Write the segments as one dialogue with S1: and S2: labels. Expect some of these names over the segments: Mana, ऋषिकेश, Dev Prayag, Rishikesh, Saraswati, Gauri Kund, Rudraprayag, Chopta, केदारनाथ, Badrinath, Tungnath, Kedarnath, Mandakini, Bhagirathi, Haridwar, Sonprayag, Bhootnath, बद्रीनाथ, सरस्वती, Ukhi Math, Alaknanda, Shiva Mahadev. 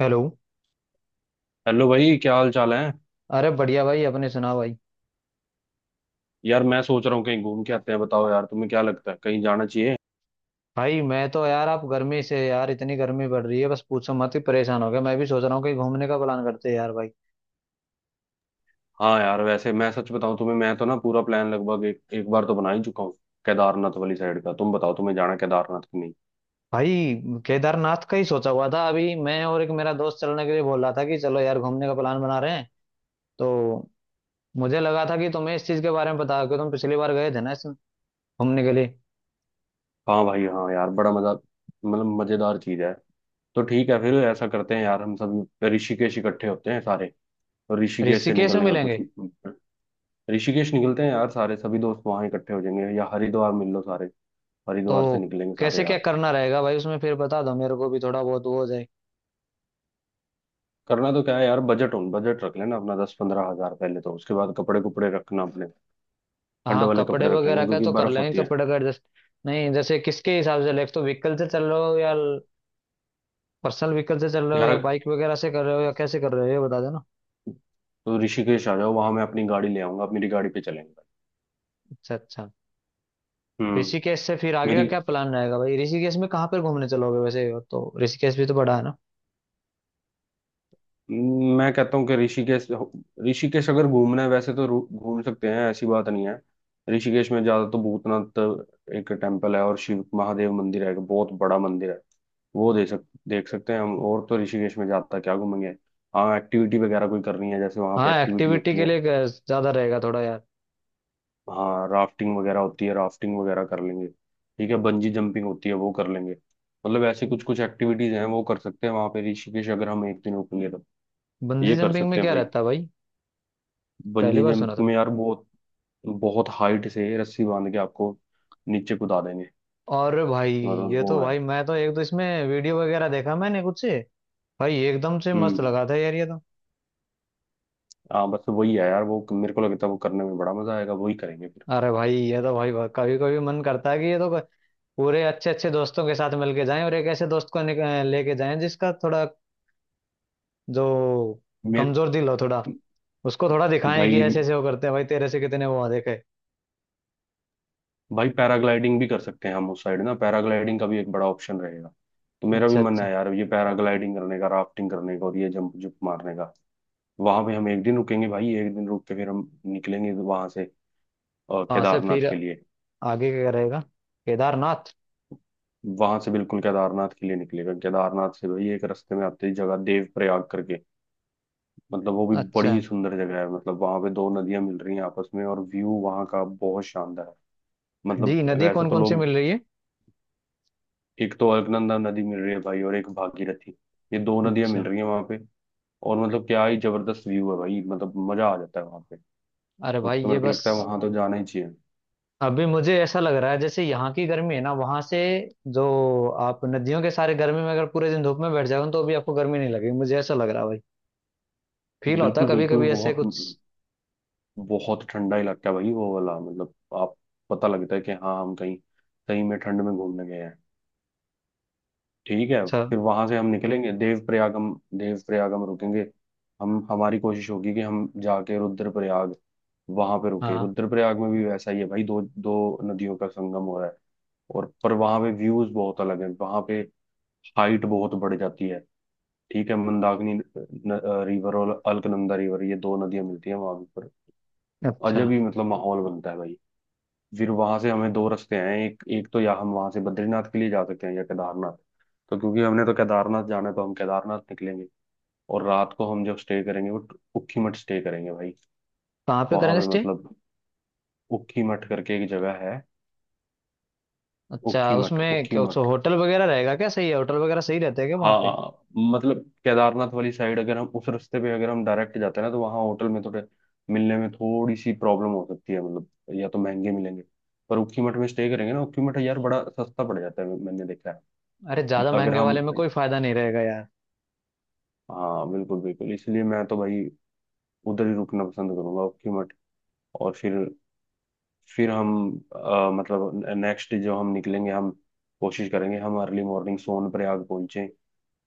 S1: Hello.
S2: Hello भाई, क्या हाल चाल है?
S1: अरे बढ़िया भाई। अपने सुनाओ भाई।
S2: यार मैं सोच रहा हूँ कहीं घूम के आते हैं। बताओ यार, तुम्हें क्या लगता है? कहीं जाना चाहिए?
S1: भाई मैं तो यार, आप गर्मी से यार, इतनी गर्मी पड़ रही है, बस पूछो मत, ही परेशान हो गया। मैं भी सोच रहा हूँ कहीं घूमने का प्लान करते हैं यार भाई।
S2: हाँ यार, वैसे मैं सच बताऊँ तुम्हें, मैं तो ना पूरा प्लान लगभग एक बार तो बना ही चुका हूँ। केदारनाथ वाली साइड का। तुम बताओ तुम्हें जाना है केदारनाथ की नहीं?
S1: भाई केदारनाथ का ही सोचा हुआ था। अभी मैं और एक मेरा दोस्त चलने के लिए बोल रहा था कि चलो यार घूमने का प्लान बना रहे हैं। तो मुझे लगा था कि तुम्हें इस चीज के बारे में पता है, कि तुम पिछली बार गए थे ना इसमें घूमने के लिए।
S2: हाँ भाई, हाँ यार, बड़ा मजा, मतलब मजेदार चीज है। तो ठीक है, फिर ऐसा करते हैं यार, हम सब ऋषिकेश इकट्ठे होते हैं सारे। और ऋषिकेश से
S1: ऋषिकेश में
S2: निकलने का कुछ,
S1: मिलेंगे।
S2: ऋषिकेश निकलते हैं यार सारे, सभी दोस्त वहां इकट्ठे हो जाएंगे, या हरिद्वार मिल लो सारे।
S1: तो
S2: हरिद्वार से निकलेंगे सारे
S1: कैसे क्या
S2: यार।
S1: करना रहेगा भाई उसमें? फिर बता दो, मेरे को भी थोड़ा बहुत वो हो जाए।
S2: करना तो क्या है यार, बजट उन बजट रख लेना अपना, 10 15 हजार पहले तो, उसके बाद कपड़े कुपड़े रखना अपने। ठंड
S1: हाँ,
S2: वाले
S1: कपड़े
S2: कपड़े रख लेना
S1: वगैरह का
S2: क्योंकि
S1: तो कर
S2: बर्फ
S1: लेंगे,
S2: होती है।
S1: कपड़े का एडजस्ट। नहीं, जैसे किसके हिसाब से, लाइक तो व्हीकल से चल रहे हो, या पर्सनल व्हीकल से चल रहे हो, या
S2: यार
S1: बाइक वगैरह से कर रहे हो, या कैसे कर रहे हो ये बता देना।
S2: तो ऋषिकेश आ जाओ, वहां मैं अपनी गाड़ी ले आऊंगा, अपनी गाड़ी पे चलेंगे।
S1: अच्छा, अच्छा।
S2: हम्म।
S1: ऋषिकेश से फिर आगे का
S2: मेरी
S1: क्या प्लान रहेगा भाई? ऋषिकेश में कहाँ पर घूमने चलोगे वैसे? और तो ऋषिकेश भी तो बड़ा है ना।
S2: मैं कहता हूँ कि ऋषिकेश, ऋषिकेश अगर घूमना है वैसे तो घूम सकते हैं, ऐसी बात नहीं है। ऋषिकेश में ज्यादा तो भूतनाथ एक टेम्पल है, और शिव महादेव मंदिर है, एक बहुत बड़ा मंदिर है, वो दे सक देख सकते हैं हम, और तो ऋषिकेश में ज्यादा क्या घूमेंगे? हाँ एक्टिविटी वगैरह कोई करनी है जैसे, वहाँ पे
S1: हाँ,
S2: एक्टिविटी
S1: एक्टिविटी
S2: होती
S1: के
S2: है।
S1: लिए ज्यादा रहेगा थोड़ा यार।
S2: हाँ राफ्टिंग वगैरह होती है, राफ्टिंग वगैरह कर लेंगे, ठीक है, बंजी जंपिंग होती है, वो कर लेंगे। मतलब ऐसी कुछ कुछ एक्टिविटीज हैं, वो कर सकते हैं वहाँ पे ऋषिकेश, अगर हम एक दिन रुकेंगे तो
S1: बंजी
S2: ये कर
S1: जंपिंग
S2: सकते
S1: में
S2: हैं
S1: क्या
S2: भाई।
S1: रहता है भाई? पहली
S2: बंजी
S1: बार सुना
S2: जंपिंग
S1: था।
S2: में यार बहुत बहुत हाइट से रस्सी बांध के आपको नीचे कूदा देंगे,
S1: और भाई,
S2: मतलब
S1: ये
S2: वो
S1: तो
S2: है।
S1: भाई मैं तो एक दो इसमें वीडियो वगैरह देखा मैंने कुछ से। भाई एकदम से मस्त
S2: हम्म।
S1: लगा था यार ये तो।
S2: हाँ बस वही है यार, वो मेरे को लगता है वो करने में बड़ा मजा आएगा, वही करेंगे फिर।
S1: अरे भाई, ये तो भाई कभी कभी मन करता है कि पूरे अच्छे अच्छे दोस्तों के साथ मिलके जाएं, और एक ऐसे दोस्त को लेके जाएं जिसका थोड़ा, जो
S2: मेरे
S1: कमजोर दिल हो थोड़ा, उसको थोड़ा दिखाएं कि
S2: भाई
S1: ऐसे ऐसे वो करते हैं भाई, तेरे से कितने वो देखे।
S2: भाई पैराग्लाइडिंग भी कर सकते हैं हम, उस साइड ना पैराग्लाइडिंग का भी एक बड़ा ऑप्शन रहेगा। तो मेरा भी
S1: अच्छा,
S2: मन
S1: अच्छा।
S2: है यार, ये पैराग्लाइडिंग करने का, राफ्टिंग करने का, और ये जंप जुप मारने का। वहां पे हम एक दिन रुकेंगे भाई, एक दिन रुक के फिर हम निकलेंगे वहां से
S1: हाँ, से फिर
S2: केदारनाथ के लिए।
S1: आगे क्या रहेगा, केदारनाथ?
S2: वहां से बिल्कुल केदारनाथ के लिए निकलेगा। केदारनाथ से भाई एक रास्ते में आते ही जगह देव प्रयाग करके, मतलब वो भी
S1: अच्छा।
S2: बड़ी सुंदर जगह है, मतलब वहां पे दो नदियां मिल रही हैं आपस में, और व्यू वहां का बहुत शानदार है।
S1: नदी
S2: मतलब
S1: नदी
S2: वैसे
S1: कौन
S2: तो
S1: कौन सी
S2: लोग।
S1: मिल रही है?
S2: एक तो अलकनंदा नदी मिल रही है भाई, और एक भागीरथी, ये दो नदियां मिल
S1: अच्छा।
S2: रही हैं वहां पे। और मतलब क्या ही जबरदस्त व्यू है भाई, मतलब मजा आ जाता है वहां पे।
S1: अरे
S2: तो,
S1: भाई
S2: तो
S1: ये
S2: मेरे को
S1: बस।
S2: लगता है वहां तो जाना ही चाहिए।
S1: अभी मुझे ऐसा लग रहा है, जैसे यहाँ की गर्मी है ना वहां से, जो आप नदियों के सारे, गर्मी में अगर पूरे दिन धूप में बैठ जाओ तो अभी आपको गर्मी नहीं लगेगी, मुझे ऐसा लग रहा है। फील होता
S2: बिल्कुल
S1: कभी
S2: बिल्कुल,
S1: कभी ऐसे
S2: बहुत
S1: कुछ।
S2: बहुत ठंडा इलाका है भाई वो वाला, मतलब आप पता लगता है कि हाँ हम कहीं सही में ठंड में घूमने गए हैं। ठीक है,
S1: अच्छा,
S2: फिर वहां से हम निकलेंगे देवप्रयाग, हम देवप्रयाग हम रुकेंगे। हम हमारी कोशिश होगी कि हम जाके रुद्रप्रयाग वहां पे रुके,
S1: हाँ।
S2: रुद्रप्रयाग में भी वैसा ही है भाई, दो दो नदियों का संगम हो रहा है, और पर वहां पे व्यूज बहुत अलग है, वहां पे हाइट बहुत बढ़ जाती है। ठीक है, मंदाकिनी रिवर और अलकनंदा रिवर, ये दो नदियां मिलती हैं वहां पर,
S1: अच्छा,
S2: अजब ही मतलब माहौल बनता है भाई। फिर वहां से हमें दो रास्ते हैं, एक एक तो या हम वहां से बद्रीनाथ के लिए जा सकते हैं या केदारनाथ, तो क्योंकि हमने तो केदारनाथ जाना है, तो हम केदारनाथ निकलेंगे। और रात को हम जब स्टे करेंगे, वो उखी मठ स्टे करेंगे भाई,
S1: कहाँ पे
S2: वहां
S1: करेंगे
S2: पे
S1: स्टे?
S2: मतलब उखी मठ करके एक जगह है।
S1: अच्छा,
S2: उखी मठ,
S1: उसमें
S2: उखी
S1: क्या उस
S2: मठ,
S1: होटल वगैरह रहेगा क्या? सही है होटल वगैरह? सही रहते हैं क्या वहाँ पे?
S2: हाँ मतलब केदारनाथ वाली साइड अगर हम उस रास्ते पे अगर हम डायरेक्ट जाते हैं ना, तो वहाँ होटल में थोड़े मिलने में थोड़ी सी प्रॉब्लम हो सकती है, मतलब या तो महंगे मिलेंगे, पर उखी मठ में स्टे करेंगे ना, उखी मठ यार बड़ा सस्ता पड़ जाता है, मैंने देखा
S1: अरे,
S2: है।
S1: ज्यादा
S2: अगर
S1: महंगे
S2: हम,
S1: वाले में कोई फायदा नहीं रहेगा यार।
S2: हाँ बिल्कुल बिल्कुल, इसलिए मैं तो भाई उधर ही रुकना पसंद करूंगा, ओखी मठ। और फिर हम मतलब नेक्स्ट जो हम निकलेंगे, हम कोशिश करेंगे हम अर्ली मॉर्निंग सोनप्रयाग पहुंचे।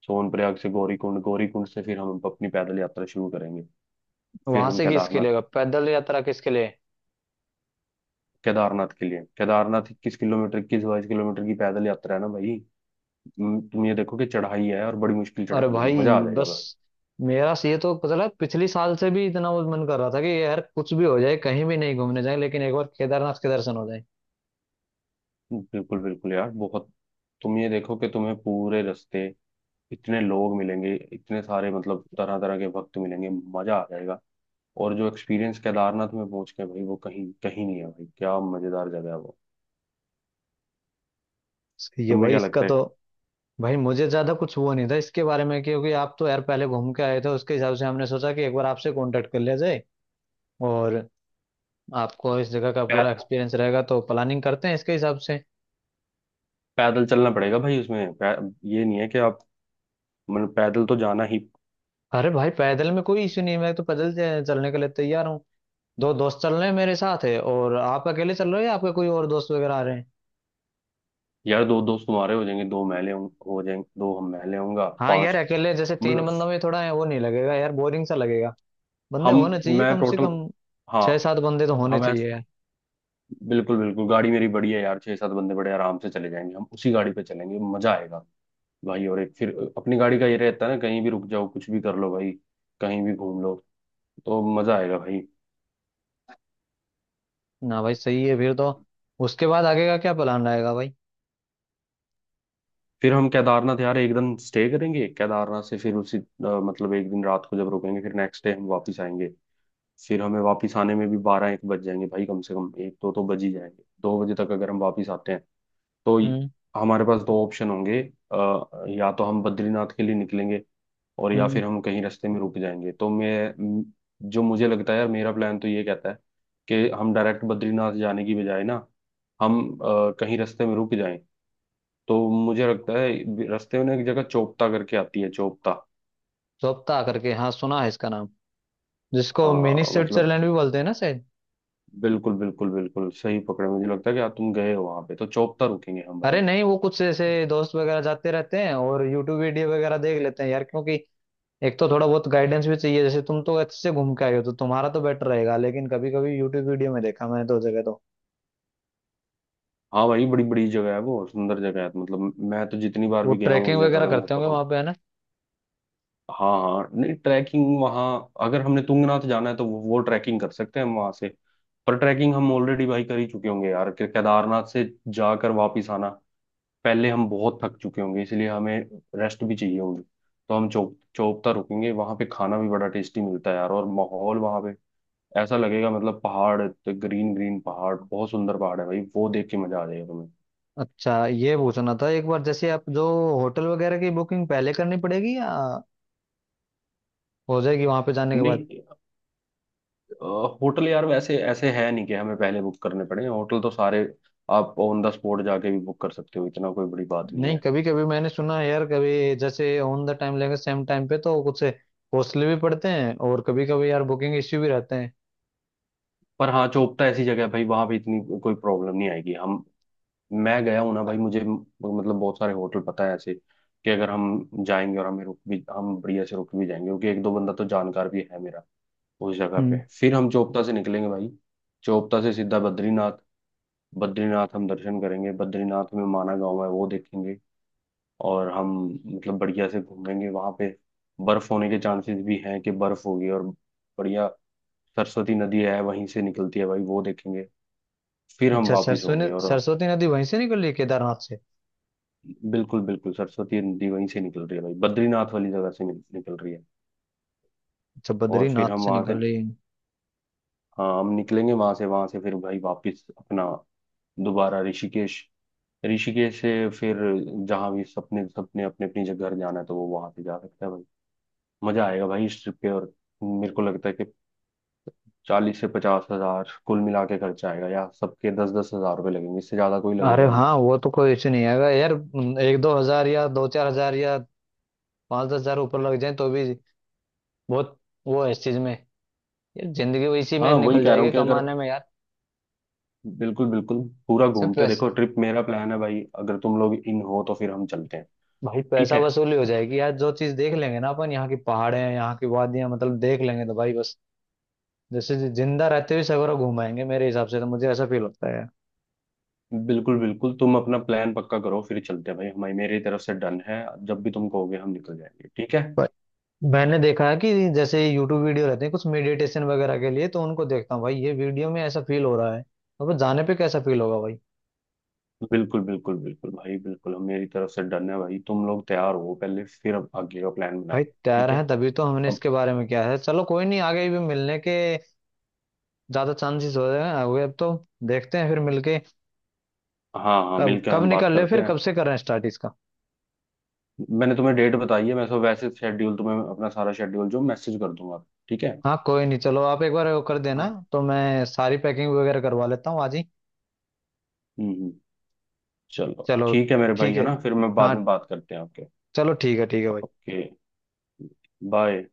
S2: सोनप्रयाग से गौरीकुंड, गौरीकुंड से फिर हम अपनी पैदल यात्रा शुरू करेंगे। फिर
S1: वहां
S2: हम
S1: से किसके
S2: केदारनाथ,
S1: लिए होगा? पैदल यात्रा किसके लिए?
S2: केदारनाथ के लिए, केदारनाथ 21 किलोमीटर, 21 22 किलोमीटर की पैदल यात्रा है ना भाई। तुम ये देखो कि चढ़ाई है और बड़ी मुश्किल
S1: अरे
S2: चढ़ाई है, मजा आ
S1: भाई
S2: जाएगा
S1: बस।
S2: भाई।
S1: मेरा से ये तो पता लगा, पिछली साल से भी इतना वो मन कर रहा था, कि यार कुछ भी हो जाए कहीं भी नहीं घूमने जाए, लेकिन एक बार केदारनाथ के दर्शन हो जाए।
S2: बिल्कुल बिल्कुल यार, बहुत, तुम ये देखो कि तुम्हें पूरे रास्ते इतने लोग मिलेंगे इतने सारे, मतलब तरह तरह के भक्त मिलेंगे, मजा आ जाएगा। और जो एक्सपीरियंस केदारनाथ में पहुंच के भाई, वो कहीं कहीं नहीं है भाई, क्या मजेदार जगह है वो,
S1: ये
S2: तुम्हें
S1: भाई
S2: क्या
S1: इसका
S2: लगता
S1: तो।
S2: है?
S1: भाई मुझे ज्यादा कुछ वो नहीं था इसके बारे में, क्योंकि आप तो यार पहले घूम के आए थे, उसके हिसाब से हमने सोचा कि एक बार आपसे कांटेक्ट कर लिया जाए, और आपको इस जगह का पूरा
S2: पै-
S1: एक्सपीरियंस रहेगा, तो प्लानिंग करते हैं इसके हिसाब से।
S2: पैदल चलना पड़ेगा भाई, उसमें ये नहीं है कि आप, मतलब पैदल तो जाना ही।
S1: अरे भाई, पैदल में कोई इश्यू नहीं है, मैं तो पैदल चलने के लिए तैयार हूँ। दो दोस्त चल रहे हैं मेरे साथ है, और आप अकेले चल रहे हो या आपके कोई और दोस्त वगैरह आ रहे हैं?
S2: यार दो दोस्त तुम्हारे हो जाएंगे, दो मैले हो जाएंगे, दो हम मैले होऊंगा
S1: हाँ यार,
S2: पांच,
S1: अकेले जैसे तीन
S2: मतलब
S1: बंदों में थोड़ा है, वो नहीं लगेगा यार, बोरिंग सा लगेगा। बंदे
S2: हम
S1: होने चाहिए
S2: मैं
S1: कम से
S2: टोटल,
S1: कम।
S2: हाँ
S1: छह सात बंदे तो होने
S2: हम
S1: चाहिए
S2: ऐसे,
S1: यार।
S2: बिल्कुल बिल्कुल, गाड़ी मेरी बड़ी है यार, छह सात बंदे बड़े आराम से चले जाएंगे, हम उसी गाड़ी पे चलेंगे, मजा आएगा भाई। और एक फिर अपनी गाड़ी का ये रहता है ना, कहीं भी रुक जाओ कुछ भी कर लो भाई, कहीं भी घूम लो, तो मजा आएगा भाई।
S1: ना भाई, सही है फिर तो। उसके बाद आगे का क्या प्लान रहेगा भाई?
S2: फिर हम केदारनाथ यार एक दिन स्टे करेंगे, केदारनाथ से फिर उसी मतलब एक दिन रात को जब रुकेंगे फिर नेक्स्ट डे हम वापस आएंगे। फिर हमें वापस आने में भी 12 1 बज जाएंगे भाई, कम से कम एक दो तो बज ही जाएंगे, 2 बजे तक अगर हम वापस आते हैं तो
S1: हम्म।
S2: हमारे पास दो ऑप्शन होंगे, अ, या तो हम बद्रीनाथ के लिए निकलेंगे, और या
S1: हम्म।
S2: फिर हम कहीं रास्ते में रुक जाएंगे। तो म- जो मुझे लगता है यार, मेरा प्लान तो ये कहता है कि हम डायरेक्ट बद्रीनाथ जाने की बजाय ना, हम कहीं रास्ते में रुक जाएं। तो मुझे लगता है रास्ते में ना एक जगह चोपता करके आती है, चोपता,
S1: जोप्ता करके, हाँ सुना है इसका नाम। जिसको मिनी
S2: हाँ मतलब
S1: स्विट्जरलैंड भी बोलते हैं ना शायद?
S2: बिल्कुल बिल्कुल बिल्कुल सही पकड़े, मुझे लगता है कि आप तुम गए हो वहां पे, तो चोपता रुकेंगे हम
S1: अरे
S2: भाई।
S1: नहीं, वो कुछ ऐसे दोस्त वगैरह जाते रहते हैं और यूट्यूब वीडियो वगैरह देख लेते हैं यार, क्योंकि एक तो थोड़ा बहुत गाइडेंस भी चाहिए, जैसे तुम तो अच्छे से घूम के आए हो तो तुम्हारा तो बेटर रहेगा। लेकिन कभी कभी यूट्यूब वीडियो में देखा मैंने, दो जगह तो।
S2: हाँ भाई बड़ी बड़ी जगह है, वो सुंदर जगह है, मतलब मैं तो जितनी बार
S1: वो
S2: भी गया हूँ
S1: ट्रैकिंग
S2: उस जगह
S1: वगैरह
S2: पे, मेरे
S1: करते
S2: को
S1: होंगे
S2: तो
S1: वहां पे है ना?
S2: हाँ हाँ, नहीं ट्रैकिंग वहाँ अगर हमने तुंगनाथ जाना है तो वो ट्रैकिंग कर सकते हैं हम वहाँ से, पर ट्रैकिंग हम ऑलरेडी भाई कर ही चुके होंगे यार, कि केदारनाथ से जाकर वापिस आना, पहले हम बहुत थक चुके होंगे, इसलिए हमें रेस्ट भी चाहिए होगी, तो हम चौपता रुकेंगे, वहाँ पे खाना भी बड़ा टेस्टी मिलता है यार, और माहौल वहाँ पे ऐसा लगेगा, मतलब पहाड़, ग्रीन ग्रीन पहाड़, बहुत सुंदर पहाड़ है भाई, वो देख के मजा आ जाएगा तुम्हें।
S1: अच्छा, ये पूछना था एक बार, जैसे आप जो होटल वगैरह की बुकिंग पहले करनी पड़ेगी, या हो जाएगी वहां पे जाने के बाद?
S2: नहीं, होटल यार वैसे ऐसे है नहीं कि हमें पहले बुक करने पड़े, होटल तो सारे आप ऑन द स्पॉट जाके भी बुक कर सकते हो, इतना कोई बड़ी बात नहीं
S1: नहीं,
S2: है।
S1: कभी कभी मैंने सुना है यार, कभी जैसे ऑन द टाइम लेंगे सेम टाइम पे तो कुछ कॉस्टली भी पड़ते हैं, और कभी कभी यार बुकिंग इश्यू भी रहते हैं।
S2: पर हाँ चोपता ऐसी जगह है भाई वहां पे इतनी कोई प्रॉब्लम नहीं आएगी। हम, मैं गया हूँ ना भाई, मुझे मतलब बहुत सारे होटल पता है ऐसे कि अगर हम जाएंगे और हमें रुक भी, हम बढ़िया से रुक भी जाएंगे, क्योंकि एक दो बंदा तो जानकार भी है मेरा उस जगह
S1: हम्म।
S2: पे। फिर हम चोपता से निकलेंगे भाई, चोपता से सीधा बद्रीनाथ, बद्रीनाथ हम दर्शन करेंगे, बद्रीनाथ में माना गांव है वो देखेंगे, और हम मतलब बढ़िया से घूमेंगे वहां पे। बर्फ होने के चांसेस भी हैं कि बर्फ होगी, और बढ़िया, सरस्वती नदी है वहीं से निकलती है भाई, वो देखेंगे। फिर हम
S1: अच्छा,
S2: वापिस
S1: सरसों ने
S2: होंगे और,
S1: सरस्वती नदी वहीं से निकल रही है केदारनाथ से?
S2: बिल्कुल बिल्कुल, सरस्वती नदी वहीं से निकल रही है भाई, बद्रीनाथ वाली जगह से निकल रही है।
S1: अच्छा,
S2: और फिर
S1: बद्रीनाथ
S2: हम
S1: से
S2: वहां से,
S1: निकल रही है।
S2: हाँ हम निकलेंगे वहां से, वहां से फिर भाई वापिस अपना दोबारा ऋषिकेश, ऋषिकेश से फिर जहाँ भी सपने सपने अपने अपनी जगह घर जाना है तो वो वहां पे जा सकता है भाई। मजा आएगा भाई इस ट्रिप पे, और मेरे को लगता है कि 40 से 50 हजार कुल मिला के खर्चा आएगा, या सबके 10 10 हजार रुपये लगेंगे, इससे ज्यादा कोई
S1: अरे
S2: लगेगा नहीं।
S1: हाँ, वो तो कोई इश्यू नहीं आएगा यार। 1-2 हजार, या 2-4 हजार, या 5-10 हजार ऊपर लग जाए तो भी बहुत वो है इस चीज में, यार जिंदगी इसी में
S2: हाँ वही
S1: निकल
S2: कह रहा हूँ
S1: जाएगी
S2: कि अगर,
S1: कमाने में यार।
S2: बिल्कुल बिल्कुल, पूरा
S1: सिर्फ
S2: घूमते देखो
S1: पैसा।
S2: ट्रिप, मेरा प्लान है भाई, अगर तुम लोग इन हो तो फिर हम चलते हैं,
S1: भाई
S2: ठीक
S1: पैसा
S2: है।
S1: वसूली हो जाएगी यार, जो चीज देख लेंगे ना अपन, यहाँ की पहाड़े हैं यहाँ की वादियां मतलब, देख लेंगे तो भाई बस। जैसे जिंदा रहते हुए सगोरा घुमाएंगे मेरे हिसाब से, तो मुझे ऐसा फील होता है।
S2: बिल्कुल बिल्कुल, तुम अपना प्लान पक्का करो फिर चलते हैं भाई, हमारी मेरी तरफ से डन है, जब भी तुम कहोगे हम निकल जाएंगे, ठीक है।
S1: पर मैंने देखा है कि जैसे यूट्यूब वीडियो रहते हैं कुछ मेडिटेशन वगैरह के लिए, तो उनको देखता हूँ भाई, ये वीडियो में ऐसा फील हो रहा है। अब जाने पे कैसा फील होगा भाई?
S2: बिल्कुल बिल्कुल बिल्कुल भाई बिल्कुल, हम मेरी तरफ से डन है भाई, तुम लोग तैयार हो पहले, फिर अब आगे का प्लान
S1: भाई
S2: बनाएंगे,
S1: तैयार
S2: ठीक
S1: है
S2: है।
S1: तभी तो हमने
S2: अब,
S1: इसके बारे में किया है। चलो कोई नहीं, आगे भी मिलने के ज्यादा चांसेस हो रहे हैं हुए अब तो। देखते हैं फिर मिलके।
S2: हाँ हाँ
S1: कब
S2: मिलकर
S1: कब
S2: हम बात
S1: निकल ले
S2: करते
S1: फिर?
S2: हैं।
S1: कब से कर रहे हैं स्टार्ट इसका?
S2: मैंने तुम्हें डेट बताई है, मैं तो वैसे शेड्यूल, तुम्हें अपना सारा शेड्यूल जो मैसेज कर दूंगा, ठीक है।
S1: हाँ कोई नहीं, चलो आप एक बार वो कर देना।
S2: हाँ।
S1: तो मैं सारी पैकिंग वगैरह करवा लेता हूँ आज ही।
S2: हम्म, चलो
S1: चलो
S2: ठीक है मेरे भाई,
S1: ठीक
S2: है
S1: है।
S2: ना, फिर मैं बाद
S1: हाँ।
S2: में बात करते हैं आपके।
S1: चलो ठीक है, ठीक है भाई।
S2: Okay, bye.